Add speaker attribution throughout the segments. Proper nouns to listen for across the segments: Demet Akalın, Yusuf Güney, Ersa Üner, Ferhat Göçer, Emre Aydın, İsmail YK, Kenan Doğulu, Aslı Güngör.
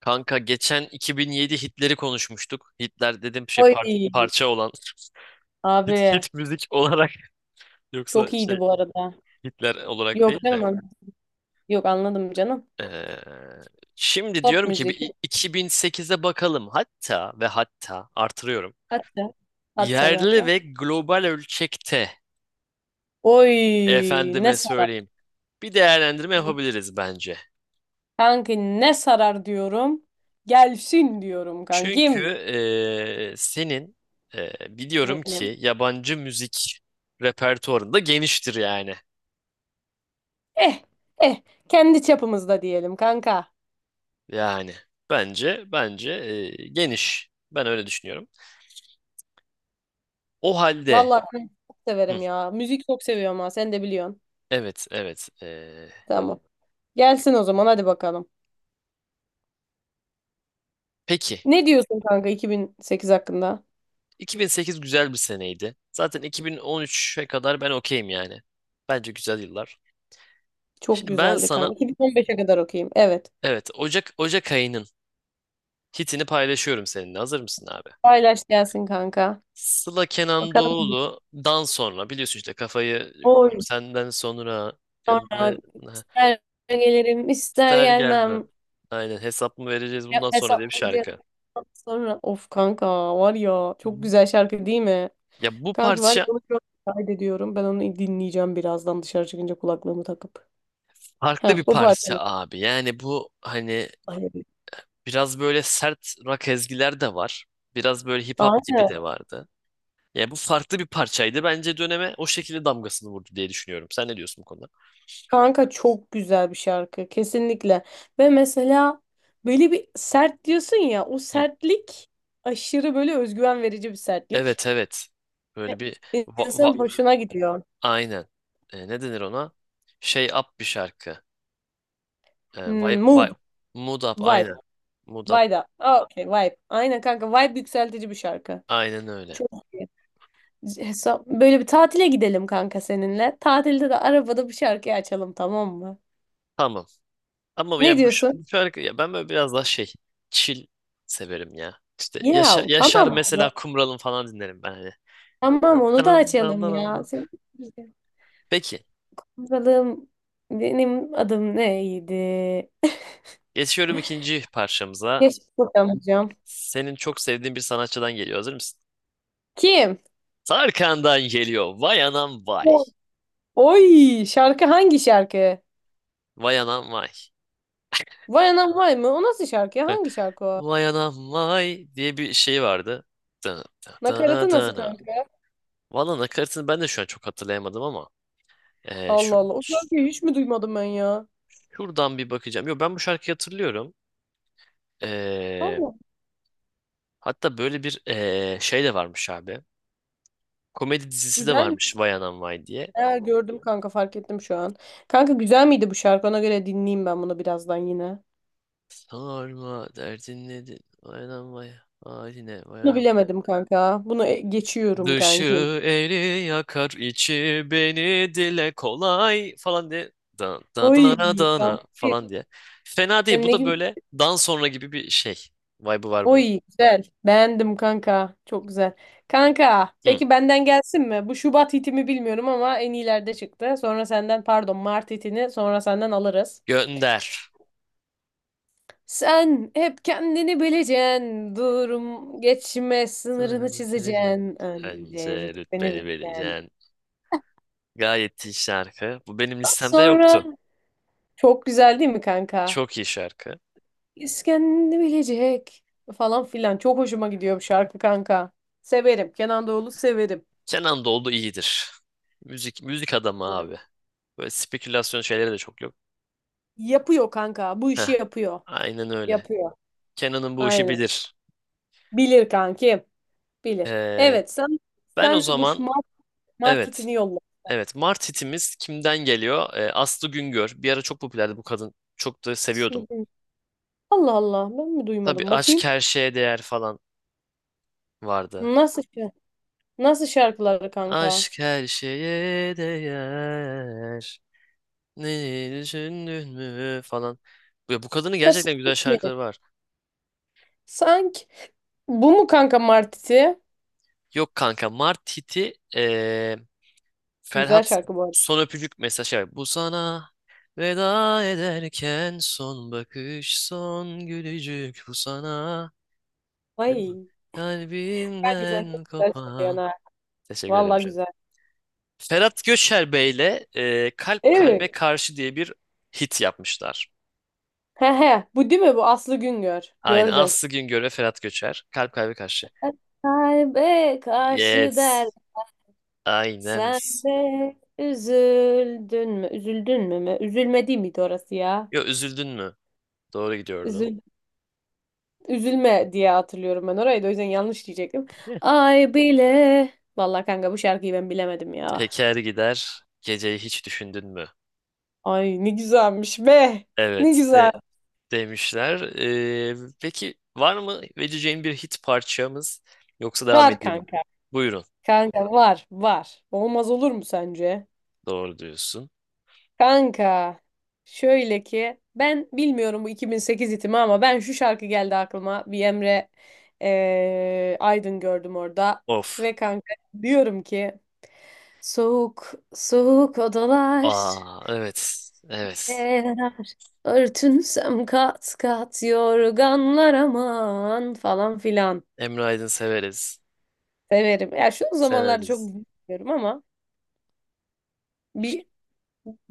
Speaker 1: Kanka geçen 2007 Hitler'i konuşmuştuk. Hitler dedim şey
Speaker 2: Oy
Speaker 1: parça olan. Hit,
Speaker 2: abi,
Speaker 1: hit müzik olarak, yoksa
Speaker 2: çok iyiydi
Speaker 1: şey
Speaker 2: bu arada.
Speaker 1: Hitler olarak
Speaker 2: Yok
Speaker 1: değil de.
Speaker 2: canım yok anladım canım.
Speaker 1: Ee, şimdi
Speaker 2: Pop
Speaker 1: diyorum ki
Speaker 2: müzik,
Speaker 1: 2008'e bakalım. Hatta ve hatta artırıyorum.
Speaker 2: hatta hatta be
Speaker 1: Yerli
Speaker 2: hatta.
Speaker 1: ve global ölçekte
Speaker 2: Oy ne
Speaker 1: efendime
Speaker 2: sarar.
Speaker 1: söyleyeyim. Bir değerlendirme yapabiliriz bence.
Speaker 2: Kanki ne sarar diyorum. Gelsin diyorum
Speaker 1: Çünkü
Speaker 2: kankim
Speaker 1: senin ee, biliyorum
Speaker 2: benim.
Speaker 1: ki yabancı müzik repertuarında geniştir yani.
Speaker 2: Eh eh kendi çapımızda diyelim kanka.
Speaker 1: Yani bence geniş. Ben öyle düşünüyorum. O halde.
Speaker 2: Vallahi ben çok
Speaker 1: Hı,
Speaker 2: severim ya. Müzik çok seviyorum ha, sen de biliyorsun.
Speaker 1: evet, evet. e,
Speaker 2: Tamam. Gelsin o zaman, hadi bakalım.
Speaker 1: peki
Speaker 2: Ne diyorsun kanka 2008 hakkında?
Speaker 1: 2008 güzel bir seneydi. Zaten 2013'e kadar ben okeyim yani. Bence güzel yıllar.
Speaker 2: Çok
Speaker 1: Şimdi ben
Speaker 2: güzeldi
Speaker 1: sana,
Speaker 2: kanka. 2015'e kadar okuyayım. Evet.
Speaker 1: evet, Ocak ayının hitini paylaşıyorum seninle. Hazır mısın abi?
Speaker 2: Paylaş gelsin kanka.
Speaker 1: Sıla Kenan
Speaker 2: Bakalım.
Speaker 1: Doğulu'dan sonra biliyorsun işte kafayı
Speaker 2: Oy.
Speaker 1: senden sonra
Speaker 2: Sonra
Speaker 1: kendime ha,
Speaker 2: ister gelirim ister
Speaker 1: ister gelmem.
Speaker 2: gelmem.
Speaker 1: Aynen, hesap mı vereceğiz bundan sonra diye bir
Speaker 2: Hesaplayacağız.
Speaker 1: şarkı.
Speaker 2: Sonra of kanka, var ya çok güzel şarkı değil mi?
Speaker 1: Ya bu
Speaker 2: Kanki var ya,
Speaker 1: parça
Speaker 2: onu şu an kaydediyorum. Ben onu dinleyeceğim birazdan dışarı çıkınca kulaklığımı takıp.
Speaker 1: farklı
Speaker 2: Heh
Speaker 1: bir
Speaker 2: bu
Speaker 1: parça
Speaker 2: parçanı.
Speaker 1: abi. Yani bu hani biraz böyle sert rock ezgiler de var. Biraz böyle hip hop gibi
Speaker 2: Aynen.
Speaker 1: de vardı. Ya bu farklı bir parçaydı. Bence döneme o şekilde damgasını vurdu diye düşünüyorum. Sen ne diyorsun bu konuda?
Speaker 2: Kanka çok güzel bir şarkı kesinlikle. Ve mesela böyle bir sert diyorsun ya, o
Speaker 1: Hı.
Speaker 2: sertlik aşırı böyle özgüven verici bir sertlik.
Speaker 1: Evet, evet. Böyle bir va- va-
Speaker 2: İnsanın hoşuna gidiyor.
Speaker 1: aynen. Ne denir ona? Şey up bir şarkı. E, vay,
Speaker 2: Hmm,
Speaker 1: vay,
Speaker 2: mood,
Speaker 1: mood up
Speaker 2: vibe,
Speaker 1: aynen. Mood up
Speaker 2: vibe da. Aa, okay, vibe. Aynen kanka, vibe yükseltici bir şarkı.
Speaker 1: aynen öyle.
Speaker 2: Çok iyi. Böyle bir tatile gidelim kanka seninle. Tatilde de arabada bir şarkı açalım, tamam mı?
Speaker 1: Tamam. Ama ya
Speaker 2: Ne diyorsun?
Speaker 1: bu şarkı ya ben böyle biraz daha şey chill severim ya. İşte Yaşar,
Speaker 2: Ya
Speaker 1: Yaşar
Speaker 2: tamam.
Speaker 1: mesela Kumral'ın falan dinlerim ben hani.
Speaker 2: Tamam, onu da
Speaker 1: Dın dın dın
Speaker 2: açalım ya.
Speaker 1: dın.
Speaker 2: Senin
Speaker 1: Peki,
Speaker 2: bakalım, benim adım neydi?
Speaker 1: geçiyorum ikinci parçamıza.
Speaker 2: Keşke bulamayacağım.
Speaker 1: Senin çok sevdiğin bir sanatçıdan geliyor. Hazır mısın?
Speaker 2: Kim?
Speaker 1: Tarkan'dan geliyor. Vay anam vay.
Speaker 2: Oy şarkı, hangi şarkı?
Speaker 1: Vay anam vay.
Speaker 2: Vay anam vay mı? O nasıl şarkı ya? Hangi şarkı o?
Speaker 1: Vay anam vay diye bir şey vardı. Dın dın dın
Speaker 2: Nakaratı nasıl
Speaker 1: dın dın.
Speaker 2: kanka?
Speaker 1: Valla nakaratını ben de şu an çok hatırlayamadım ama eee, şu,
Speaker 2: Allah Allah. O şarkıyı hiç mi duymadım ben ya?
Speaker 1: şuradan bir bakacağım. Yo, ben bu şarkıyı hatırlıyorum. Ee,
Speaker 2: Allah.
Speaker 1: hatta böyle bir şey de varmış abi. Komedi dizisi de
Speaker 2: Güzel mi?
Speaker 1: varmış Vay Anam Vay diye.
Speaker 2: Ha, gördüm kanka, fark ettim şu an. Kanka güzel miydi bu şarkı? Ona göre dinleyeyim ben bunu birazdan yine.
Speaker 1: Sorma derdin nedir? Vay Anam Vay. Haline Vay
Speaker 2: Bunu
Speaker 1: Anam.
Speaker 2: bilemedim kanka. Bunu geçiyorum
Speaker 1: Dışı
Speaker 2: kankim.
Speaker 1: eli yakar içi beni dile kolay falan diye. Dan da,
Speaker 2: Oy
Speaker 1: da, da,
Speaker 2: kanka.
Speaker 1: falan diye. Fena değil.
Speaker 2: Sen
Speaker 1: Bu
Speaker 2: ne
Speaker 1: da
Speaker 2: gibi?
Speaker 1: böyle dan sonra gibi bir şey. Vibe'ı var bunun.
Speaker 2: Oy güzel. Beğendim kanka. Çok güzel. Kanka
Speaker 1: Hı.
Speaker 2: peki benden gelsin mi? Bu Şubat hitimi bilmiyorum ama en iyilerde çıktı. Sonra senden pardon, Mart hitini sonra senden alırız.
Speaker 1: Gönder.
Speaker 2: Sen hep kendini bileceksin, durum geçme
Speaker 1: Sana
Speaker 2: sınırını
Speaker 1: ben vereceğim.
Speaker 2: çizeceksin, önce
Speaker 1: Bence
Speaker 2: rütbeni
Speaker 1: rütbeni
Speaker 2: bileceksin.
Speaker 1: vereceksin. Gayet iyi şarkı. Bu benim
Speaker 2: Ondan
Speaker 1: listemde
Speaker 2: sonra
Speaker 1: yoktu.
Speaker 2: çok güzel değil mi kanka?
Speaker 1: Çok iyi şarkı.
Speaker 2: Biz kendini bilecek falan filan. Çok hoşuma gidiyor bu şarkı kanka. Severim. Kenan Doğulu severim.
Speaker 1: Kenan Doğulu iyidir. Müzik müzik adamı abi. Böyle spekülasyon şeyleri de çok yok.
Speaker 2: Yapıyor kanka. Bu
Speaker 1: Heh,
Speaker 2: işi yapıyor.
Speaker 1: aynen öyle.
Speaker 2: Yapıyor.
Speaker 1: Kenan'ın bu işi
Speaker 2: Aynen.
Speaker 1: bilir.
Speaker 2: Bilir kankim. Bilir.
Speaker 1: Ee,
Speaker 2: Evet sen
Speaker 1: ben o
Speaker 2: sen bu şu
Speaker 1: zaman,
Speaker 2: Mart, Mart
Speaker 1: evet.
Speaker 2: itini yolla.
Speaker 1: Evet, Mart hitimiz kimden geliyor? Aslı Güngör. Bir ara çok popülerdi bu kadın. Çok da seviyordum.
Speaker 2: Allah Allah, ben mi
Speaker 1: Tabii
Speaker 2: duymadım
Speaker 1: aşk
Speaker 2: bakayım.
Speaker 1: her şeye değer falan vardı.
Speaker 2: Nasıl Nasıl şarkıları kanka?
Speaker 1: Aşk her şeye değer. Ne düşündün mü falan. Ya bu kadının
Speaker 2: Ya
Speaker 1: gerçekten güzel
Speaker 2: sanki.
Speaker 1: şarkıları var.
Speaker 2: Sanki bu mu kanka Martiti?
Speaker 1: Yok kanka, Mart hiti
Speaker 2: Güzel
Speaker 1: Ferhat
Speaker 2: şarkı bu arada.
Speaker 1: son öpücük mesajı var. Bu sana veda ederken son bakış son gülücük bu sana
Speaker 2: Ay. Ben, güzel çok
Speaker 1: kalbimden
Speaker 2: güzel söylüyorsun
Speaker 1: kopan.
Speaker 2: ha.
Speaker 1: Teşekkür ederim
Speaker 2: Valla
Speaker 1: canım.
Speaker 2: güzel.
Speaker 1: Ferhat Göçer Bey'le Kalp Kalbe
Speaker 2: Evet.
Speaker 1: Karşı diye bir hit yapmışlar.
Speaker 2: He he. Bu değil mi? Bu Aslı Güngör.
Speaker 1: Aynı
Speaker 2: Gördüm.
Speaker 1: Aslı Güngör ve Ferhat Göçer. Kalp Kalbe Karşı.
Speaker 2: Kalbe karşı der,
Speaker 1: Yes. Aynen.
Speaker 2: sen de üzüldün mü? Üzüldün mü mü? Üzülme değil miydi orası ya?
Speaker 1: Yo, üzüldün mü? Doğru gidiyordun.
Speaker 2: Üzül, üzülme diye hatırlıyorum ben orayı, da o yüzden yanlış diyecektim. Ay bile. Vallahi kanka bu şarkıyı ben bilemedim ya.
Speaker 1: Teker gider, geceyi hiç düşündün mü?
Speaker 2: Ay ne güzelmiş be. Ne
Speaker 1: Evet
Speaker 2: güzel.
Speaker 1: de demişler. Peki, var mı vereceğin bir hit parçamız yoksa devam
Speaker 2: Var
Speaker 1: edeyim mi?
Speaker 2: kanka.
Speaker 1: Buyurun.
Speaker 2: Kanka var var. Olmaz olur mu sence?
Speaker 1: Doğru diyorsun.
Speaker 2: Kanka. Şöyle ki ben bilmiyorum bu 2008 itimi ama ben şu şarkı geldi aklıma. Bir Emre Aydın gördüm orada.
Speaker 1: Of.
Speaker 2: Ve kanka diyorum ki, soğuk soğuk odalar
Speaker 1: Aa, evet. Evet.
Speaker 2: eğer örtünsem kat kat yorganlar aman falan filan.
Speaker 1: Emre Aydın severiz.
Speaker 2: Severim. Ya şu zamanlarda çok
Speaker 1: Severiz.
Speaker 2: bilmiyorum ama bir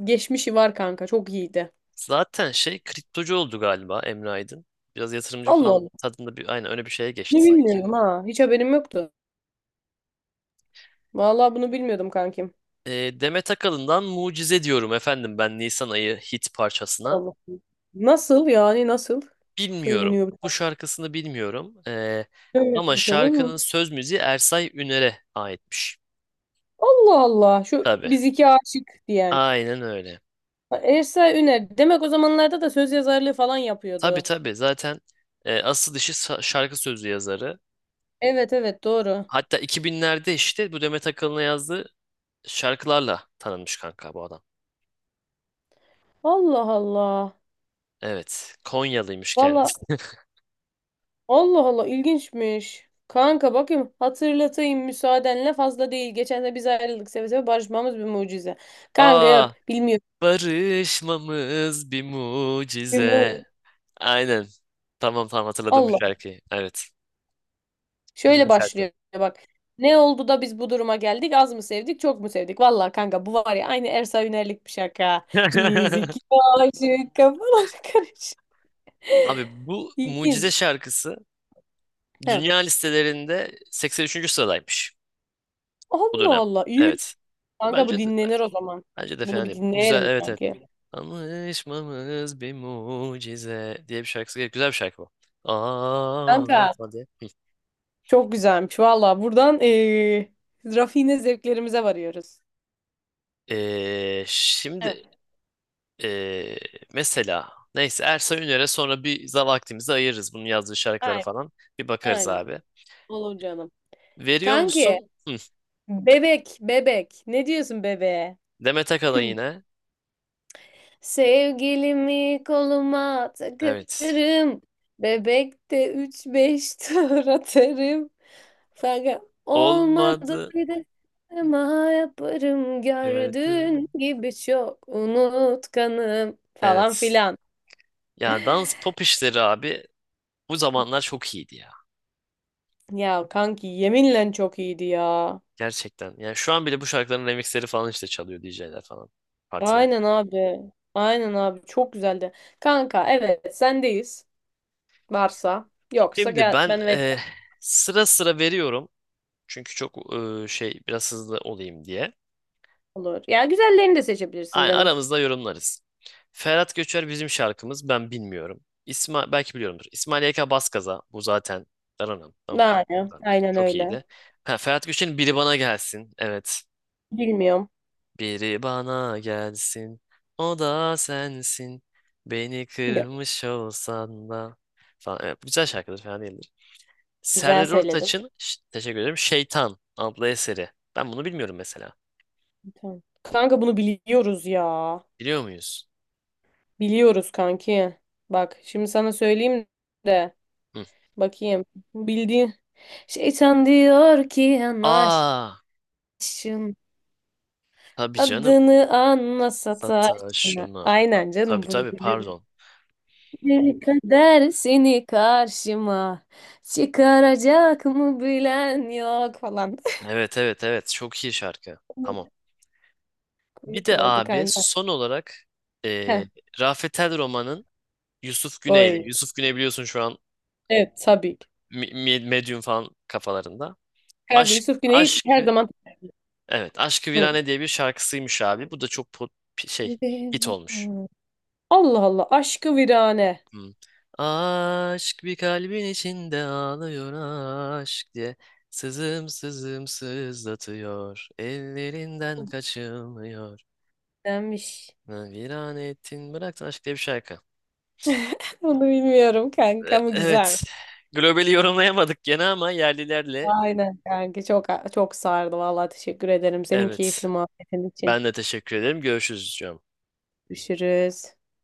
Speaker 2: geçmişi var kanka. Çok iyiydi.
Speaker 1: Zaten şey kriptocu oldu galiba Emre Aydın. Biraz yatırımcı
Speaker 2: Allah
Speaker 1: falan
Speaker 2: Allah.
Speaker 1: tadında bir, aynen öyle, bir şeye geçti
Speaker 2: Bunu
Speaker 1: sanki.
Speaker 2: bilmiyorum ha. Hiç haberim yoktu. Vallahi bunu bilmiyordum kankim.
Speaker 1: Demet Akalın'dan Mucize diyorum efendim ben Nisan ayı hit parçasına.
Speaker 2: Allah. Nasıl yani, nasıl?
Speaker 1: Bilmiyorum.
Speaker 2: Söyleniyor bir
Speaker 1: Bu
Speaker 2: tane.
Speaker 1: şarkısını bilmiyorum. Ee,
Speaker 2: Evet,
Speaker 1: ama
Speaker 2: bakalım.
Speaker 1: şarkının söz müziği Ersay Üner'e aitmiş.
Speaker 2: Allah Allah. Şu
Speaker 1: Tabii.
Speaker 2: biz iki aşık diyen.
Speaker 1: Aynen öyle.
Speaker 2: Ha, Ersa Üner. Demek o zamanlarda da söz yazarlığı falan
Speaker 1: Tabii,
Speaker 2: yapıyordu.
Speaker 1: tabii. Zaten asıl işi şarkı sözü yazarı.
Speaker 2: Evet evet, doğru.
Speaker 1: Hatta 2000'lerde işte bu Demet Akalın'a yazdığı şarkılarla tanınmış kanka bu adam.
Speaker 2: Allah Allah.
Speaker 1: Evet. Konyalıymış kendisi.
Speaker 2: Vallahi Allah Allah ilginçmiş. Kanka bakayım hatırlatayım müsaadenle, fazla değil. Geçen de biz ayrıldık seve seve, barışmamız bir mucize. Kanka yok,
Speaker 1: Aa,
Speaker 2: bilmiyorum.
Speaker 1: barışmamız bir
Speaker 2: Bir
Speaker 1: mucize.
Speaker 2: mu-
Speaker 1: Aynen. Tamam, tamam, hatırladım bu
Speaker 2: Allah.
Speaker 1: şarkıyı. Evet. Güzel
Speaker 2: Şöyle
Speaker 1: şarkı.
Speaker 2: başlıyor bak. Ne oldu da biz bu duruma geldik? Az mı sevdik, çok mu sevdik? Vallahi kanka bu var ya, aynı Ersa Üner'lik bir şaka. Biz iki aşık, kafalar karışık.
Speaker 1: Abi bu Mucize
Speaker 2: İlginç.
Speaker 1: şarkısı
Speaker 2: He.
Speaker 1: dünya listelerinde 83. sıradaymış o
Speaker 2: Allah
Speaker 1: dönem.
Speaker 2: Allah. İyi mi?
Speaker 1: Evet.
Speaker 2: Kanka bu
Speaker 1: Bence de
Speaker 2: dinlenir o zaman.
Speaker 1: bence de
Speaker 2: Bunu
Speaker 1: fena
Speaker 2: bir
Speaker 1: değil. Bu güzel,
Speaker 2: dinleyelim
Speaker 1: evet, evet.
Speaker 2: kanka.
Speaker 1: Anlaşmamız bir mucize diye bir şarkısı. Güzel bir şarkı bu. Aa,
Speaker 2: Kanka.
Speaker 1: hadi.
Speaker 2: Çok güzelmiş. Valla buradan rafine zevklerimize varıyoruz.
Speaker 1: Şimdi
Speaker 2: Evet,
Speaker 1: ee, mesela neyse Ersa Üner'e sonra bir vaktimizi ayırırız bunun yazdığı şarkılara
Speaker 2: aynen,
Speaker 1: falan. Bir bakarız
Speaker 2: aynen.
Speaker 1: abi.
Speaker 2: Olur canım.
Speaker 1: Veriyor tamam
Speaker 2: Kanki,
Speaker 1: musun? Hı.
Speaker 2: bebek, bebek. Ne diyorsun bebeğe?
Speaker 1: Demet Akalın yine.
Speaker 2: Sevgilimi koluma
Speaker 1: Evet.
Speaker 2: takarım. Bebekte üç beş tur atarım. Fakat olmadı
Speaker 1: Olmadı.
Speaker 2: bir de ama yaparım,
Speaker 1: Gördü.
Speaker 2: gördüğün gibi çok unutkanım falan
Speaker 1: Evet.
Speaker 2: filan.
Speaker 1: Ya dans pop işleri abi bu zamanlar çok iyiydi ya.
Speaker 2: Ya kanki yeminle çok iyiydi ya.
Speaker 1: Gerçekten. Yani şu an bile bu şarkıların remixleri falan işte çalıyor DJ'ler falan. Partiler.
Speaker 2: Aynen abi. Aynen abi, çok güzeldi. Kanka evet, sendeyiz. Varsa yoksa
Speaker 1: Şimdi
Speaker 2: gel
Speaker 1: ben
Speaker 2: ben veririm,
Speaker 1: sıra sıra veriyorum. Çünkü çok şey biraz hızlı olayım diye.
Speaker 2: olur. Ya güzellerini de seçebilirsin
Speaker 1: Aynen,
Speaker 2: canım.
Speaker 1: aramızda yorumlarız. Ferhat Göçer bizim şarkımız. Ben bilmiyorum. İsmail belki biliyorumdur. İsmail YK Baskaza bu zaten. Dananam, dananam,
Speaker 2: Yani
Speaker 1: dananam.
Speaker 2: aynen
Speaker 1: Çok
Speaker 2: öyle.
Speaker 1: iyiydi. Ha, Ferhat Göçer'in Biri Bana Gelsin. Evet.
Speaker 2: Bilmiyorum.
Speaker 1: Biri bana gelsin, o da sensin. Beni
Speaker 2: Yok,
Speaker 1: kırmış olsan da falan. Evet, güzel şarkıdır, fena değildir.
Speaker 2: güzel
Speaker 1: Serdar
Speaker 2: söyledin.
Speaker 1: Ortaç'ın, teşekkür ederim, Şeytan adlı eseri. Ben bunu bilmiyorum mesela.
Speaker 2: Tamam. Kanka bunu biliyoruz ya.
Speaker 1: Biliyor muyuz?
Speaker 2: Biliyoruz kanki. Bak şimdi sana söyleyeyim de
Speaker 1: Hı.
Speaker 2: bakayım. Bildiğin şeytan diyor ki yanaşın.
Speaker 1: Aa, tabii canım.
Speaker 2: Adını anla sataşına.
Speaker 1: Sataşına.
Speaker 2: Aynen canım,
Speaker 1: Tabii,
Speaker 2: bunu
Speaker 1: tabii,
Speaker 2: bilirim.
Speaker 1: pardon.
Speaker 2: Bir kader seni karşıma çıkaracak mı bilen yok falan.
Speaker 1: Evet, evet, evet, çok iyi şarkı. Tamam. Bir
Speaker 2: Komik
Speaker 1: de
Speaker 2: oldu
Speaker 1: abi
Speaker 2: kanka.
Speaker 1: son olarak eee
Speaker 2: Heh,
Speaker 1: Rafet El Roman'ın Yusuf Güney'le.
Speaker 2: oy.
Speaker 1: Yusuf Güney biliyorsun şu an
Speaker 2: Evet tabii ki.
Speaker 1: medium falan kafalarında.
Speaker 2: Kanka
Speaker 1: Aşk
Speaker 2: Yusuf Güney her
Speaker 1: aşkı
Speaker 2: zaman.
Speaker 1: evet, aşkı
Speaker 2: Hı.
Speaker 1: virane diye bir şarkısıymış abi. Bu da çok şey hit olmuş.
Speaker 2: Allah Allah, aşkı virane.
Speaker 1: Hmm. Aşk bir kalbin içinde ağlıyor aşk diye. Sızım sızım sızlatıyor. Ellerinden kaçılmıyor.
Speaker 2: Denmiş.
Speaker 1: Ha, Virane ettin bıraktın aşk diye bir şarkı.
Speaker 2: Bunu bilmiyorum kanka
Speaker 1: E-
Speaker 2: ama güzelmiş.
Speaker 1: evet. Globali yorumlayamadık gene ama yerlilerle
Speaker 2: Aynen kanka, çok sardı vallahi, teşekkür ederim senin keyifli
Speaker 1: evet.
Speaker 2: muhabbetin için.
Speaker 1: Ben de teşekkür ederim. Görüşürüz canım.
Speaker 2: Görüşürüz.